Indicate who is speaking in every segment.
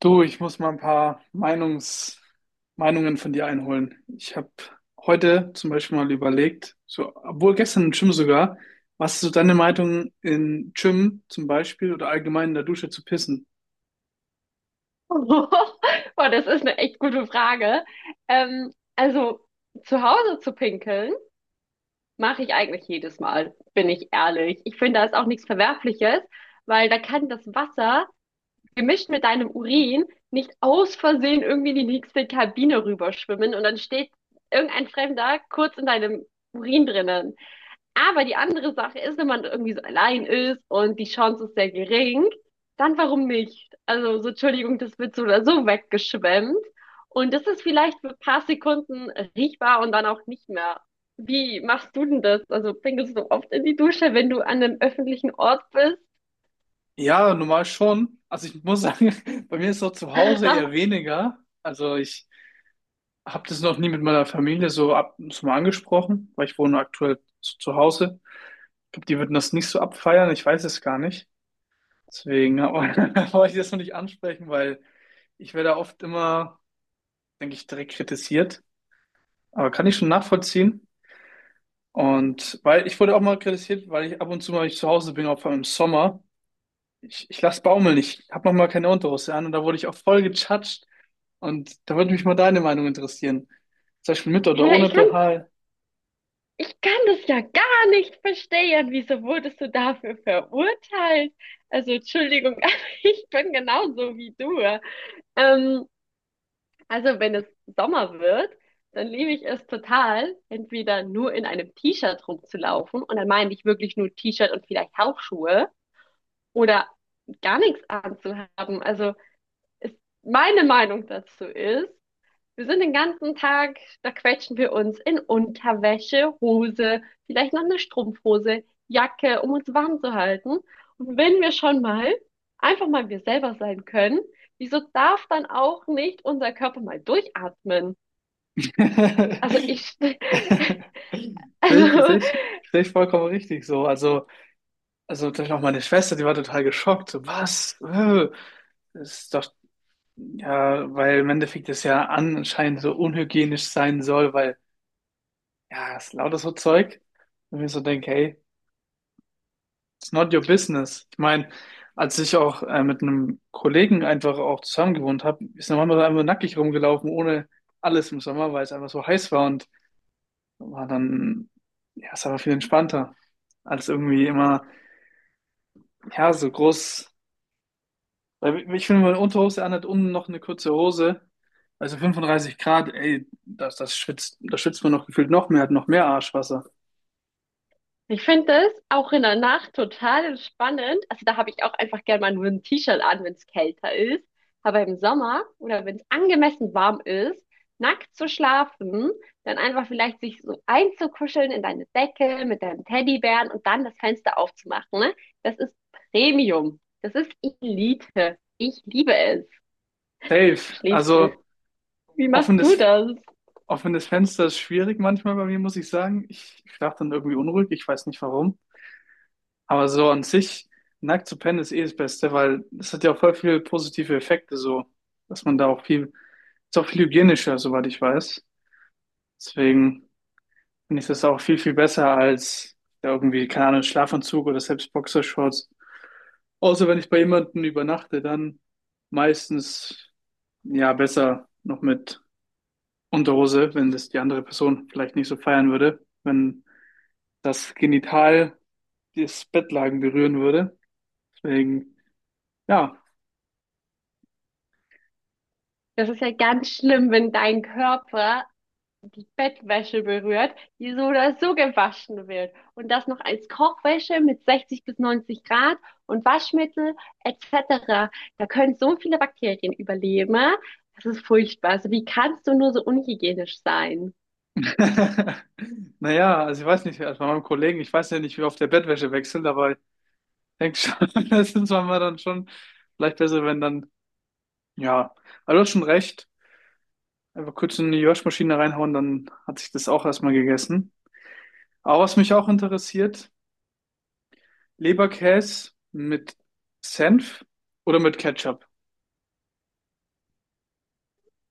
Speaker 1: Du, ich muss mal ein paar Meinungs Meinungen von dir einholen. Ich habe heute zum Beispiel mal überlegt, so, obwohl gestern im Gym sogar, was ist so deine Meinung in Gym zum Beispiel oder allgemein in der Dusche zu pissen?
Speaker 2: Boah, das ist eine echt gute Frage. Also zu Hause zu pinkeln, mache ich eigentlich jedes Mal, bin ich ehrlich. Ich finde, da ist auch nichts Verwerfliches, weil da kann das Wasser gemischt mit deinem Urin nicht aus Versehen irgendwie in die nächste Kabine rüberschwimmen und dann steht irgendein Fremder kurz in deinem Urin drinnen. Aber die andere Sache ist, wenn man irgendwie so allein ist und die Chance ist sehr gering, dann warum nicht? Also, so, Entschuldigung, das wird so oder so weggeschwemmt. Und das ist vielleicht für ein paar Sekunden riechbar und dann auch nicht mehr. Wie machst du denn das? Also, pinkelst du oft in die Dusche, wenn du an einem öffentlichen Ort bist?
Speaker 1: Ja, normal schon. Also ich muss sagen, bei mir ist es auch zu Hause eher weniger. Also ich habe das noch nie mit meiner Familie so, ab, so mal angesprochen, weil ich wohne aktuell zu Hause. Ich glaube, die würden das nicht so abfeiern. Ich weiß es gar nicht. Deswegen wollte ich das noch nicht ansprechen, weil ich werde oft immer, denke ich, direkt kritisiert. Aber kann ich schon nachvollziehen. Und weil ich wurde auch mal kritisiert, weil ich ab und zu mal ich zu Hause bin, auch vor allem im Sommer. Ich lasse baumeln, ich habe noch mal keine Unterhose an und da wurde ich auch voll gechatscht. Und da würde mich mal deine Meinung interessieren. Zum Beispiel mit oder
Speaker 2: Ja,
Speaker 1: ohne
Speaker 2: ich kann,
Speaker 1: BH.
Speaker 2: ich kann das ja gar nicht verstehen. Wieso wurdest du dafür verurteilt? Also, Entschuldigung, aber ich bin genauso wie du. Ähm, Also, wenn es Sommer wird, dann liebe ich es total, entweder nur in einem T-Shirt rumzulaufen, und dann meine ich wirklich nur T-Shirt und vielleicht Hausschuhe, oder gar nichts anzuhaben. Also, ist, meine Meinung dazu ist, wir sind den ganzen Tag, da quetschen wir uns in Unterwäsche, Hose, vielleicht noch eine Strumpfhose, Jacke, um uns warm zu halten. Und wenn wir schon mal einfach mal wir selber sein können, wieso darf dann auch nicht unser Körper mal durchatmen? Also ich,
Speaker 1: Sehe ich, sehe
Speaker 2: also
Speaker 1: ich, Sehe ich vollkommen richtig so. Also natürlich auch meine Schwester, die war total geschockt. So, was? Das ist doch, ja, weil im Endeffekt das ja anscheinend so unhygienisch sein soll, weil, ja, es ist lauter so Zeug. Und ich mir so denke, hey, it's not your business. Ich meine, als ich auch mit einem Kollegen einfach auch zusammen gewohnt habe, ist der Mann einfach nackig rumgelaufen, ohne alles im Sommer, weil es einfach so heiß war und war dann, ja, es war viel entspannter, als irgendwie immer, ja, so groß. Weil ich finde, meine Unterhose anhat, unten noch eine kurze Hose. Also 35 Grad, ey, das schwitzt, da schwitzt man noch gefühlt noch mehr, hat noch mehr Arschwasser.
Speaker 2: ich finde das auch in der Nacht total spannend. Also da habe ich auch einfach gerne mal nur ein T-Shirt an, wenn es kälter ist. Aber im Sommer oder wenn es angemessen warm ist, nackt zu schlafen, dann einfach vielleicht sich so einzukuscheln in deine Decke mit deinem Teddybären und dann das Fenster aufzumachen, ne? Das ist Premium. Das ist Elite. Ich liebe es.
Speaker 1: Safe.
Speaker 2: Schläfst du?
Speaker 1: Also
Speaker 2: Wie machst du
Speaker 1: offenes,
Speaker 2: das?
Speaker 1: offenes Fenster ist schwierig manchmal bei mir, muss ich sagen. Ich schlafe dann irgendwie unruhig, ich weiß nicht warum. Aber so an sich, nackt zu pennen ist eh das Beste, weil das hat ja auch voll viele positive Effekte, so, dass man da auch viel, ist auch viel hygienischer, soweit ich weiß. Deswegen finde ich das auch viel, viel besser als ja, irgendwie, keine Ahnung, Schlafanzug oder selbst Boxershorts. Außer wenn ich bei jemandem übernachte, dann meistens ja besser noch mit Unterhose, wenn das die andere Person vielleicht nicht so feiern würde, wenn das Genital das Bettlaken berühren würde. Deswegen, ja.
Speaker 2: Das ist ja ganz schlimm, wenn dein Körper die Bettwäsche berührt, die so oder so gewaschen wird. Und das noch als Kochwäsche mit 60 bis 90 Grad und Waschmittel etc. Da können so viele Bakterien überleben. Das ist furchtbar. Also wie kannst du nur so unhygienisch sein?
Speaker 1: Naja, also ich weiß nicht, also bei meinem Kollegen, ich weiß ja nicht, wie oft der Bettwäsche wechselt, aber ich denke schon, das ist manchmal dann schon vielleicht besser, wenn dann, ja, aber du hast schon recht. Einfach kurz in die Waschmaschine reinhauen, dann hat sich das auch erstmal gegessen. Aber was mich auch interessiert, Leberkäse mit Senf oder mit Ketchup?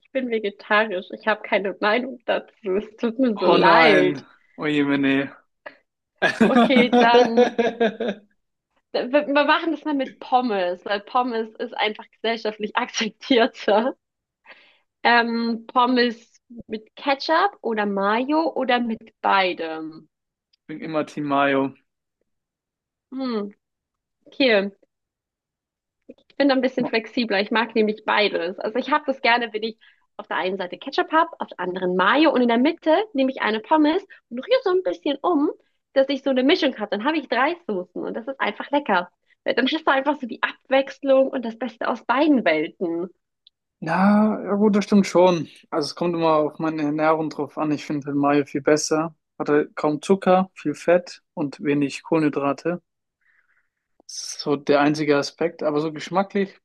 Speaker 2: Ich bin vegetarisch. Ich habe keine Meinung dazu. Es tut mir so
Speaker 1: Oh nein,
Speaker 2: leid.
Speaker 1: oh je, jemine.
Speaker 2: Okay, dann. Wir machen das mal mit Pommes, weil Pommes ist einfach gesellschaftlich akzeptierter. Pommes mit Ketchup oder Mayo oder mit beidem?
Speaker 1: Ich bin immer Team Mayo.
Speaker 2: Hm, okay. Ich bin da ein bisschen flexibler. Ich mag nämlich beides. Also ich habe das gerne, wenn ich auf der einen Seite Ketchup habe, auf der anderen Mayo und in der Mitte nehme ich eine Pommes und rühre so ein bisschen um, dass ich so eine Mischung habe. Dann habe ich drei Soßen und das ist einfach lecker. Weil dann hast du einfach so die Abwechslung und das Beste aus beiden Welten.
Speaker 1: Ja, ja gut, das stimmt schon. Also es kommt immer auf meine Ernährung drauf an. Ich finde Mayo viel besser. Hat halt kaum Zucker, viel Fett und wenig Kohlenhydrate. Das ist so der einzige Aspekt. Aber so geschmacklich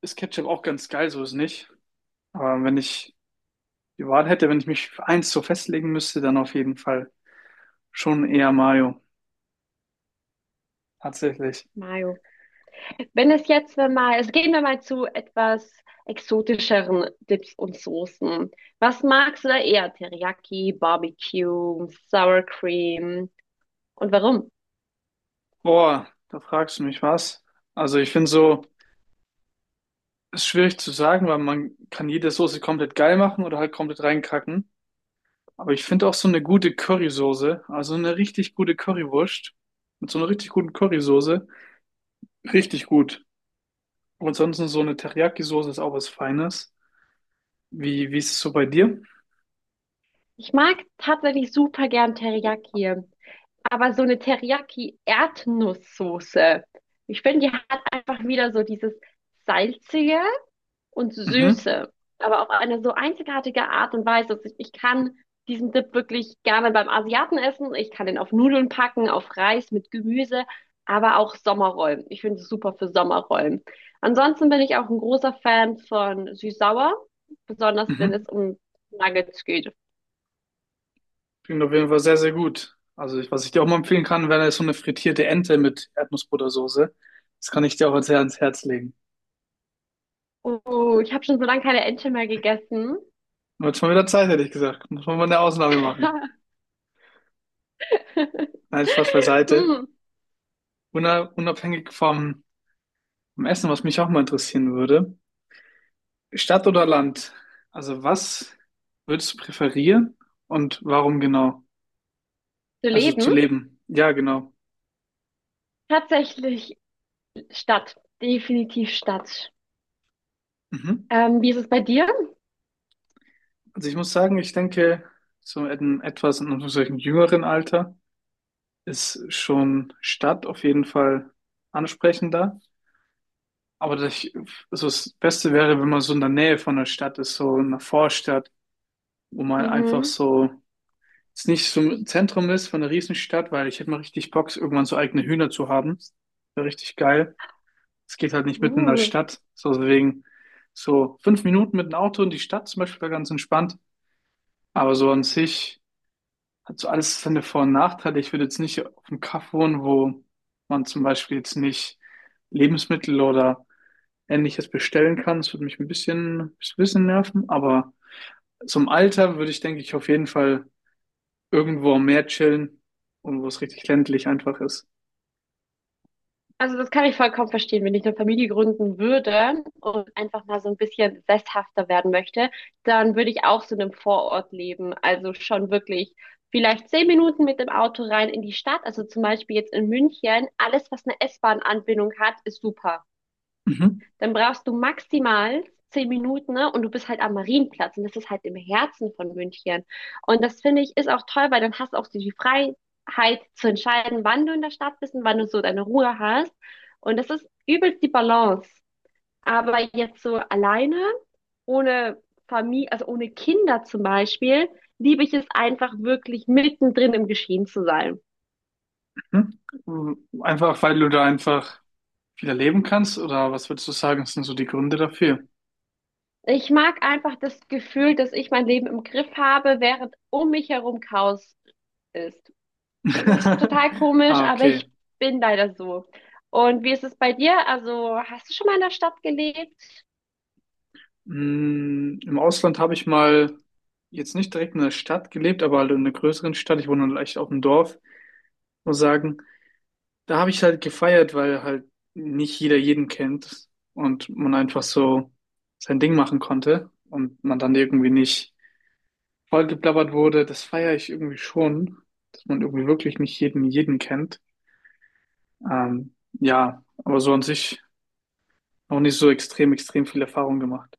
Speaker 1: ist Ketchup auch ganz geil, so ist nicht. Aber wenn ich die Wahl hätte, wenn ich mich für eins so festlegen müsste, dann auf jeden Fall schon eher Mayo. Tatsächlich.
Speaker 2: Mayo. Wenn es jetzt wir mal, also gehen wir mal zu etwas exotischeren Dips und Soßen. Was magst du da eher? Teriyaki, Barbecue, Sour Cream und warum?
Speaker 1: Boah, da fragst du mich was. Also ich finde so, ist schwierig zu sagen, weil man kann jede Soße komplett geil machen oder halt komplett reinkacken. Aber ich finde auch so eine gute Currysoße, also eine richtig gute Currywurst mit so einer richtig guten Currysoße, richtig gut. Und ansonsten so eine Teriyaki-Soße ist auch was Feines. Wie ist es so bei dir?
Speaker 2: Ich mag tatsächlich super gern Teriyaki, aber so eine Teriyaki-Erdnusssoße, ich finde, die hat einfach wieder so dieses Salzige und
Speaker 1: Mhm,
Speaker 2: Süße, aber auf eine so einzigartige Art und Weise. Also ich kann diesen Dip wirklich gerne beim Asiaten essen. Ich kann den auf Nudeln packen, auf Reis mit Gemüse, aber auch Sommerrollen. Ich finde es super für Sommerrollen. Ansonsten bin ich auch ein großer Fan von süß-sauer, besonders wenn
Speaker 1: mhm.
Speaker 2: es um Nuggets geht.
Speaker 1: Klingt auf jeden Fall sehr, sehr gut. Also, ich, was ich dir auch mal empfehlen kann, wäre so eine frittierte Ente mit Erdnussbuttersoße. Das kann ich dir auch sehr ans Herz legen.
Speaker 2: Oh, ich habe schon so lange keine Ente mehr gegessen.
Speaker 1: Wird schon wieder Zeit, hätte ich gesagt. Muss man mal eine Ausnahme machen. Nein, Spaß beiseite.
Speaker 2: Hm,
Speaker 1: Unabhängig vom Essen, was mich auch mal interessieren würde. Stadt oder Land? Also, was würdest du präferieren und warum genau?
Speaker 2: zu
Speaker 1: Also, zu
Speaker 2: leben?
Speaker 1: leben. Ja, genau.
Speaker 2: Tatsächlich Stadt. Definitiv Stadt.
Speaker 1: Mhm.
Speaker 2: Wie ist es bei dir?
Speaker 1: Also, ich muss sagen, ich denke, so in etwas in einem solchen jüngeren Alter ist schon Stadt auf jeden Fall ansprechender. Aber das, also das Beste wäre, wenn man so in der Nähe von der Stadt ist, so in einer Vorstadt, wo man einfach
Speaker 2: Mhm.
Speaker 1: so jetzt nicht so im Zentrum ist von einer Riesenstadt, weil ich hätte mal richtig Bock, irgendwann so eigene Hühner zu haben. Wäre richtig geil. Es geht halt nicht mitten in der
Speaker 2: Uh.
Speaker 1: Stadt. So deswegen so fünf Minuten mit dem Auto in die Stadt zum Beispiel wäre ganz entspannt. Aber so an sich hat so alles seine Vor- und Nachteile. Ich würde jetzt nicht auf dem Kaff wohnen, wo man zum Beispiel jetzt nicht Lebensmittel oder Ähnliches bestellen kann. Das würde mich ein bisschen nerven. Aber zum Alter würde ich, denke ich, auf jeden Fall irgendwo am Meer chillen und wo es richtig ländlich einfach ist.
Speaker 2: Also das kann ich vollkommen verstehen, wenn ich eine Familie gründen würde und einfach mal so ein bisschen sesshafter werden möchte, dann würde ich auch so in einem Vorort leben. Also schon wirklich vielleicht 10 Minuten mit dem Auto rein in die Stadt. Also zum Beispiel jetzt in München, alles, was eine S-Bahn-Anbindung hat, ist super.
Speaker 1: Mhm.
Speaker 2: Dann brauchst du maximal 10 Minuten, ne? Und du bist halt am Marienplatz. Und das ist halt im Herzen von München. Und das finde ich ist auch toll, weil dann hast du auch so die Freiheit zu entscheiden, wann du in der Stadt bist und wann du so deine Ruhe hast. Und das ist übelst die Balance. Aber jetzt so alleine, ohne Familie, also ohne Kinder zum Beispiel, liebe ich es einfach wirklich mittendrin im Geschehen zu sein.
Speaker 1: Mhm. Einfach, weil du da einfach wieder leben kannst, oder was würdest du sagen, sind so die Gründe dafür?
Speaker 2: Ich mag einfach das Gefühl, dass ich mein Leben im Griff habe, während um mich herum Chaos ist. Es ist total komisch,
Speaker 1: Ah,
Speaker 2: aber
Speaker 1: okay.
Speaker 2: ich bin leider so. Und wie ist es bei dir? Also, hast du schon mal in der Stadt gelebt?
Speaker 1: Mm, im Ausland habe ich mal jetzt nicht direkt in der Stadt gelebt, aber halt in einer größeren Stadt. Ich wohne leicht auf dem Dorf. Muss sagen, da habe ich halt gefeiert, weil halt nicht jeder jeden kennt und man einfach so sein Ding machen konnte und man dann irgendwie nicht vollgeblabbert wurde. Das feiere ich irgendwie schon, dass man irgendwie wirklich nicht jeden jeden kennt. Ja, aber so an sich noch nicht so extrem, extrem viel Erfahrung gemacht.